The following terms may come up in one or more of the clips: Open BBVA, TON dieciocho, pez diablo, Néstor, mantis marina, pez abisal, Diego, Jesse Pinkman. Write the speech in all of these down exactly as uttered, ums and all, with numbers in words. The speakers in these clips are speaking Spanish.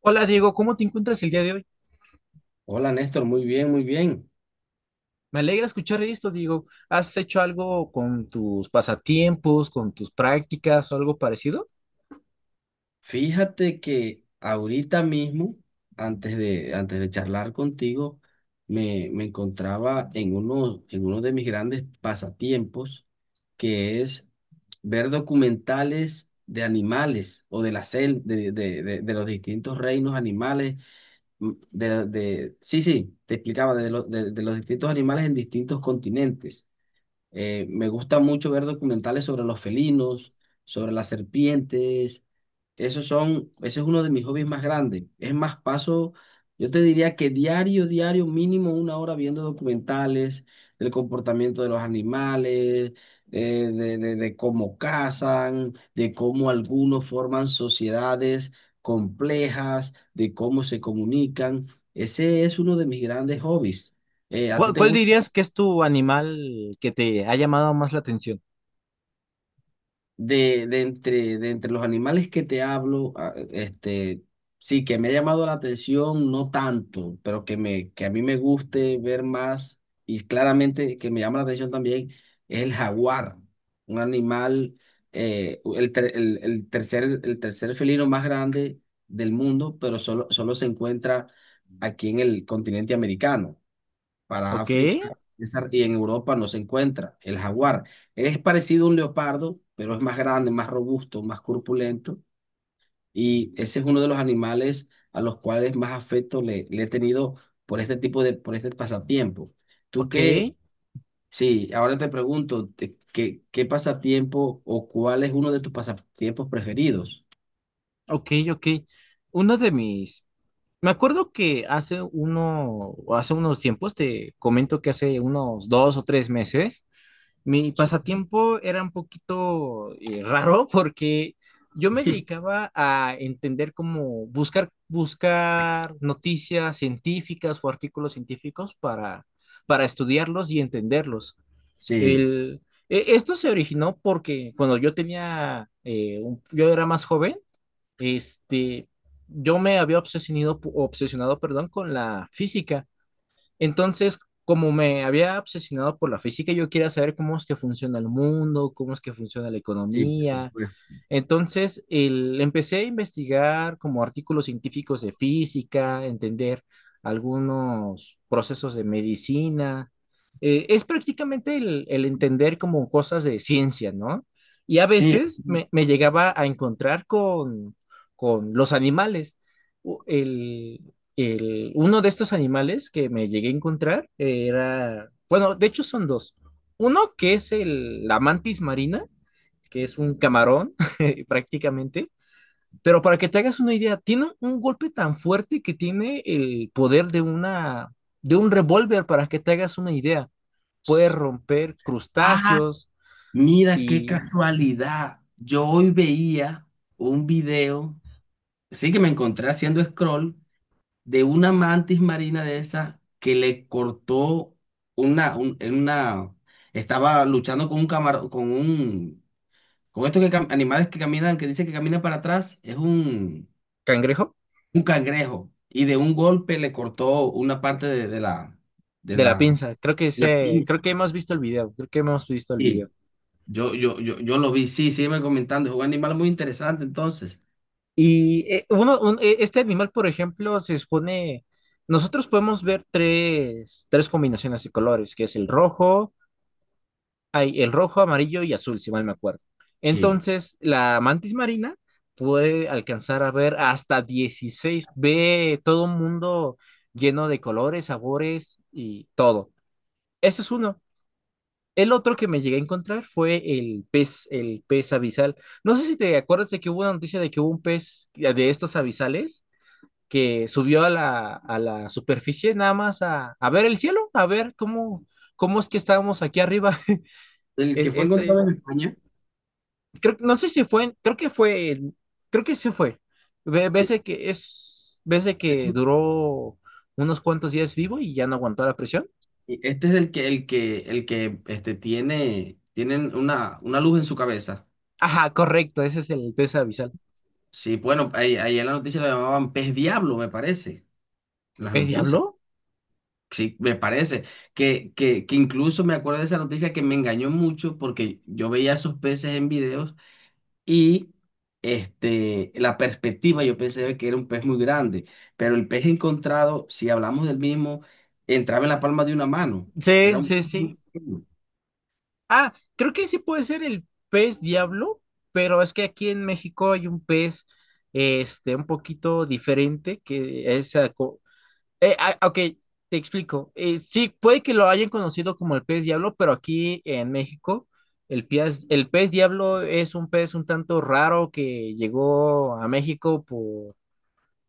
Hola Diego, ¿cómo te encuentras el día de hoy? Hola Néstor, muy bien, muy bien. Me alegra escuchar esto, Diego. ¿Has hecho algo con tus pasatiempos, con tus prácticas o algo parecido? Fíjate que ahorita mismo, antes de, antes de charlar contigo, me, me encontraba en uno, en uno de mis grandes pasatiempos, que es ver documentales de animales o de la sel, de, de, de, de los distintos reinos animales. mm, De, de, sí, sí, te explicaba, de, lo- de de los distintos animales en distintos continentes. Eh, me gusta mucho ver documentales sobre los felinos, sobre las serpientes. Esos son, ese es uno de mis hobbies más grandes. Es más, paso, yo te diría que diario, diario, mínimo una hora viendo documentales del comportamiento de los animales, eh, de, de, de cómo cazan, de cómo algunos forman sociedades complejas, de cómo se comunican. Ese es uno de mis grandes hobbies. Eh, ¿a ti ¿Cuál, te cuál gusta? dirías que es tu animal que te ha llamado más la atención? De, de entre, de entre los animales que te hablo, a- este, sí, que me ha llamado la atención, no tanto, pero que me, que a mí me guste ver más, y claramente que me llama la atención también, es el jaguar, un animal, eh, el, ter- el, el tercer, el tercer felino más grande del mundo, pero solo, solo se encuentra aquí en el continente americano. para Ok, África esa- y en Europa no se encuentra. El jaguar es parecido a un leopardo, pero es más grande, más robusto, más corpulento, y ese es uno de los animales a los cuales más afecto le, le he tenido por este tipo de, por este pasatiempo. Tú ok, qué, sí, ahora te pregunto. Te- ¿qué, qué pasatiempo o cuál es uno de tus pasatiempos preferidos? ok, ok. Uno de mis Me acuerdo que hace uno, hace unos tiempos, te comento que hace unos dos o tres meses, mi Sí. pasatiempo era un poquito eh, raro porque yo me dedicaba a entender cómo buscar, buscar noticias científicas o artículos científicos para, para estudiarlos y entenderlos. Sí, El, e- Esto se originó porque cuando yo tenía, eh, un- yo era más joven, este, yo me había obsesionado, obsesionado, perdón, con la física. Entonces, como me había obsesionado por la física, yo quería saber cómo es que funciona el mundo, cómo es que funciona la sí, por economía, supuesto. entonces, el, empecé a investigar como artículos científicos de física, entender algunos procesos de medicina. Eh, es prácticamente el, el entender como cosas de ciencia, ¿no? Y a Sí. veces me, me llegaba a encontrar con, con los animales. U- El, el- uno de estos animales que me llegué a encontrar era, bueno, de hecho son dos. Uno que es el, la mantis marina, que es un camarón prácticamente. Pero para que te hagas una idea, tiene un golpe tan fuerte que tiene el poder de una de un revólver, para que te hagas una idea. Puede romper Ah, crustáceos mira qué y casualidad. Yo hoy veía un video, sí que me encontré haciendo scroll, de una mantis marina de esa que le cortó una, un- en una, estaba luchando con un camarón, con un, con estos que cam- animales que caminan, que dice que camina para atrás, es un, cangrejo un cangrejo. Y de un golpe le cortó una parte de, de la, de de la la, pinza. Creo que la se, creo pinza. que hemos visto el video, creo que hemos visto el video. Sí. Yo, yo, yo, yo lo vi, sí, sígueme comentando. Es un animal muy interesante entonces. Y eh, uno, un, eh, este animal, por ejemplo, se expone, nosotros podemos ver tres, tres combinaciones de colores, que es el rojo, hay el rojo, amarillo y azul, si mal me acuerdo. Sí. Entonces, la mantis marina puede alcanzar a ver hasta dieciséis, ve todo un mundo lleno de colores, sabores y todo. Ese es uno. El otro que me llegué a encontrar fue el pez, el pez abisal. No sé si te acuerdas de que hubo una noticia de que hubo un pez de estos abisales que subió a la, a la superficie nada más a, a ver el cielo, a ver cómo, cómo es que estábamos aquí arriba. El Es- que fue encontrado Este, en España. creo, no sé si fue, creo que fue, creo que sí fue. Ve- Ves Sí. de que es, ves de que duró unos cuantos días vivo y ya no aguantó la presión. Este es el que, el que, el que este, tiene, tienen una, una luz en su cabeza. Ajá, correcto, ese es el pez abisal. Sí, bueno, ahí, ahí en la noticia lo llamaban pez diablo, me parece, en las ¿Pez noticias. diablo? Sí, me parece. Que, que, que incluso me acuerdo de esa noticia que me engañó mucho porque yo veía esos peces en videos. Y este, la perspectiva, yo pensé que era un pez muy grande, pero el pez encontrado, si hablamos del mismo, entraba en la palma de una mano. Sí, Era un sí, pez sí. muy pequeño. Ah, creo que sí puede ser el pez diablo, pero es que aquí en México hay un pez, este, un poquito diferente que es, Eh, ah, ok, te explico. Eh, sí, puede que lo hayan conocido como el pez diablo, pero aquí en México el pez, el pez diablo es un pez un tanto raro que llegó a México por,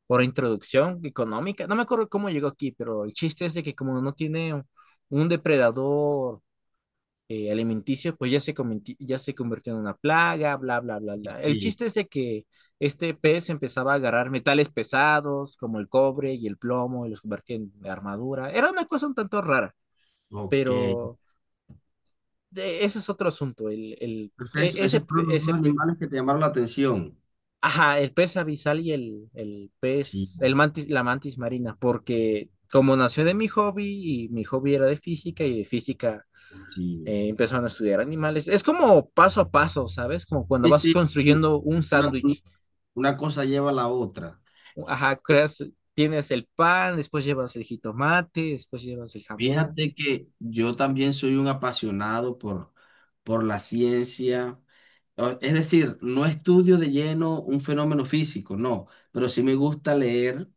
por introducción económica. No me acuerdo cómo llegó aquí, pero el chiste es de que como no tiene un depredador eh, alimenticios, pues ya se, comenti- ya se convirtió en una plaga, bla, bla, bla, bla. El Sí, chiste es de que este pez empezaba a agarrar metales pesados como el cobre y el plomo y los convertía en armadura. Era una cosa un tanto rara, ok. Entonces, pero de- ese es otro asunto. El, el, e- eso- ese, esos pe- fueron los ese, dos pe- animales que te llamaron la atención. Ajá, el pez abisal y el, el Sí, pez, el mantis, la mantis marina, porque como nació de mi hobby y mi hobby era de física y de física sí. eh, empezaron a estudiar animales. Es como paso a paso, ¿sabes? Como cuando Sí, vas sí, construyendo un una, sándwich. una cosa lleva a la otra. Ajá, creas, tienes el pan, después llevas el jitomate, después llevas el jamón. Fíjate que yo también soy un apasionado por, por la ciencia. O- Es decir, no estudio de lleno un fenómeno físico, no, pero sí me gusta leer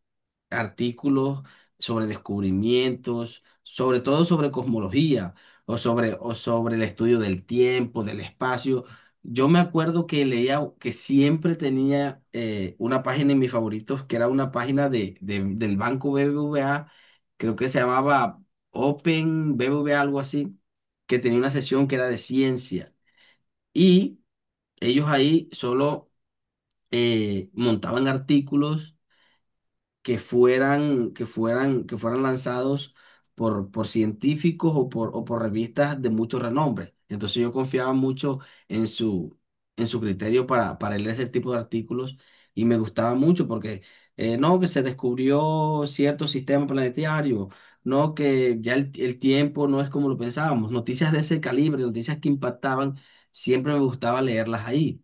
artículos sobre descubrimientos, sobre todo sobre cosmología o sobre, o sobre el estudio del tiempo, del espacio. Yo me acuerdo que leía, que siempre tenía eh, una página en mis favoritos, que era una página de, de- del Banco B B V A, creo que se llamaba Open B B V A, algo así, que tenía una sesión que era de ciencia. Y ellos ahí solo eh, montaban artículos que fueran, que fueran, que fueran lanzados por, por científicos o por, o por revistas de mucho renombre. Entonces yo confiaba mucho en su, en su criterio para, para leer ese tipo de artículos y me gustaba mucho porque eh, no, que se descubrió cierto sistema planetario, no, que ya el, el tiempo no es como lo pensábamos. Noticias de ese calibre, noticias que impactaban, siempre me gustaba leerlas ahí.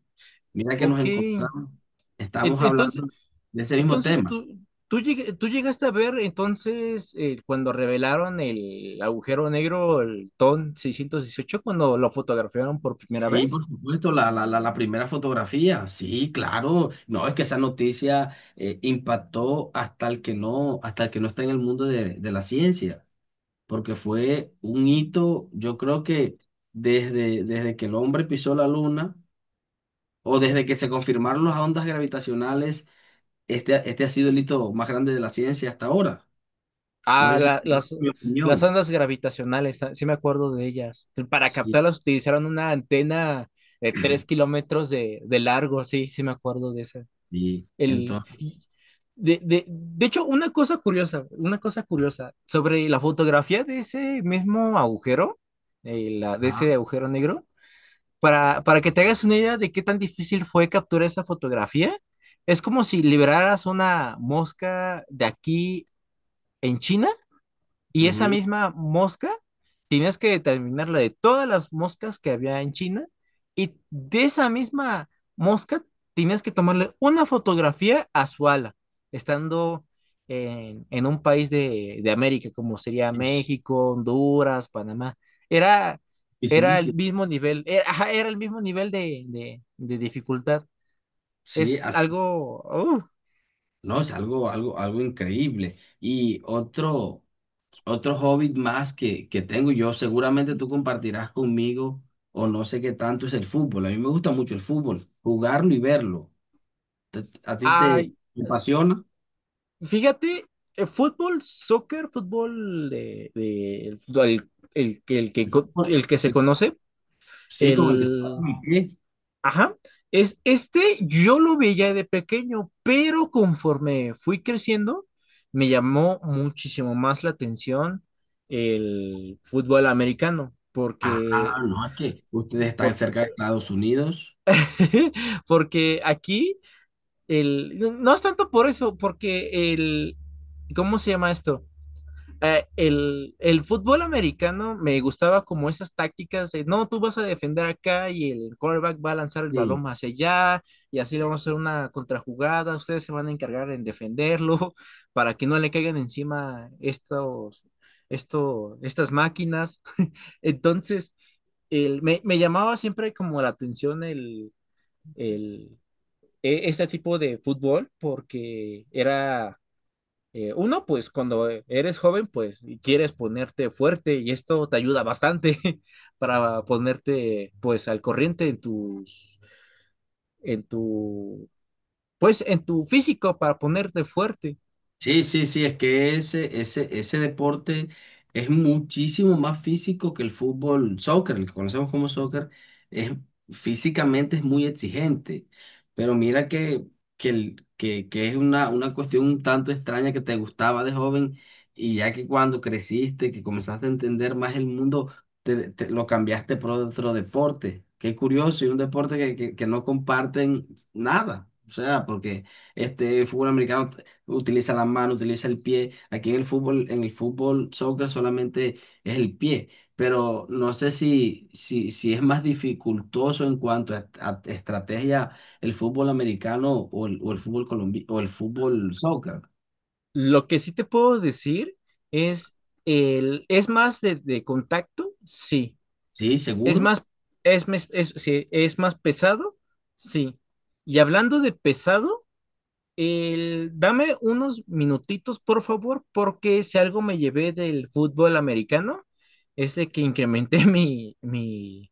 Mira que nos Ok. En- encontramos, estamos Entonces, hablando de ese mismo entonces tema. tú, tú, lleg- tú llegaste a ver entonces eh, cuando revelaron el agujero negro, el T O N dieciocho, cuando lo fotografiaron por primera Sí, por vez. supuesto, la, la, la, la primera fotografía, sí, claro. No, es que esa noticia eh, impactó hasta el que no, hasta el que no, está en el mundo de, de la ciencia, porque fue un hito, yo creo que desde, desde que el hombre pisó la luna o desde que se confirmaron las ondas gravitacionales, este, ha- este ha sido el hito más grande de la ciencia hasta ahora. No Ah, sé si la- compartes las, mi las opinión. ondas gravitacionales, ah, sí me acuerdo de ellas. Para Sí, captarlas utilizaron una antena de tres kilómetros de, de largo, sí, sí me acuerdo de esa. sí. El, Entonces, de, de, de hecho, una cosa curiosa, una cosa curiosa sobre la fotografía de ese mismo agujero, eh, la, de ese ajá, agujero negro, para, para que te hagas una idea de qué tan difícil fue capturar esa fotografía, es como si liberaras una mosca de aquí en China, y esa ujú, misma mosca, tienes que determinar la de todas las moscas que había en China, y de esa misma mosca tienes que tomarle una fotografía a su ala, estando en, en un país de, de América, como sería es México, Honduras, Panamá. Era, era el dificilísimo. mismo nivel, era, ajá, era el mismo nivel de, de- de dificultad. Sí. Es algo... No, es algo, algo, algo increíble. Y otro, otro hobby más que, que tengo yo, seguramente tú compartirás conmigo, o no sé qué tanto es el fútbol. A mí me gusta mucho el fútbol, jugarlo y verlo. ¿Te- ¿A ti te, ¡Uh! te apasiona? Fíjate, el fútbol, soccer, fútbol de, de- el, fútbol- el- el que el que co- el que se conoce, Sí, con el que se parte el el pie. ajá, es este, yo lo veía de pequeño, pero conforme fui creciendo me llamó muchísimo más la atención el fútbol americano, Ah, porque no, es que ustedes están por- cerca de Estados Unidos. porque aquí el no es tanto por eso, porque el ¿cómo se llama esto? Eh, el, el fútbol americano me gustaba como esas tácticas de, no, tú vas a defender acá y el quarterback va a lanzar el balón Sí. más allá, y así le vamos a hacer una contrajugada, ustedes se van a encargar en defenderlo para que no le caigan encima estos, esto, estas máquinas. Entonces, el, me, me llamaba siempre como la atención el, el, e- este tipo de fútbol, porque era eh, uno, pues cuando eres joven, pues, y quieres ponerte fuerte y esto te ayuda bastante para ponerte pues al corriente en tus, en tu, pues en tu físico para ponerte fuerte. Sí, sí, sí, es que ese, ese, ese deporte es muchísimo más físico que el fútbol, soccer, el que conocemos como soccer, es, físicamente es muy exigente, pero mira que, que, el- que, que es una, una cuestión un tanto extraña que te gustaba de joven y ya que cuando creciste, que comenzaste a entender más el mundo, te, te- lo cambiaste por otro deporte. Qué curioso, y un deporte que, que, que no comparten nada, o sea, porque este fútbol americano utiliza la mano, utiliza el pie. Aquí en el fútbol, en el fútbol, soccer solamente es el pie, pero no sé si, si, si es más dificultoso en cuanto a, a estrategia el fútbol americano o el, o el fútbol colombiano o el fútbol soccer. Lo que sí te puedo decir es, el, es más de, de contacto, sí. ¿Sí? Es ¿Seguro? más, es, mes- es, sí, es más pesado, sí. Y hablando de pesado, El, dame unos minutitos, por favor, porque si algo me llevé del fútbol americano, es de que incrementé mi, mi,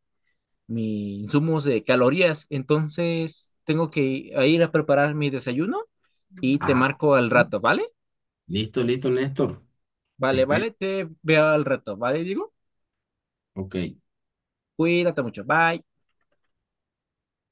mi insumos de calorías. Entonces, tengo que ir a preparar mi desayuno y te Ah, marco al rato, ¿vale? listo, listo, Néstor. Te Vale, espero. vale, te veo al rato, ¿vale? Digo, Ok. cuídate mucho, bye.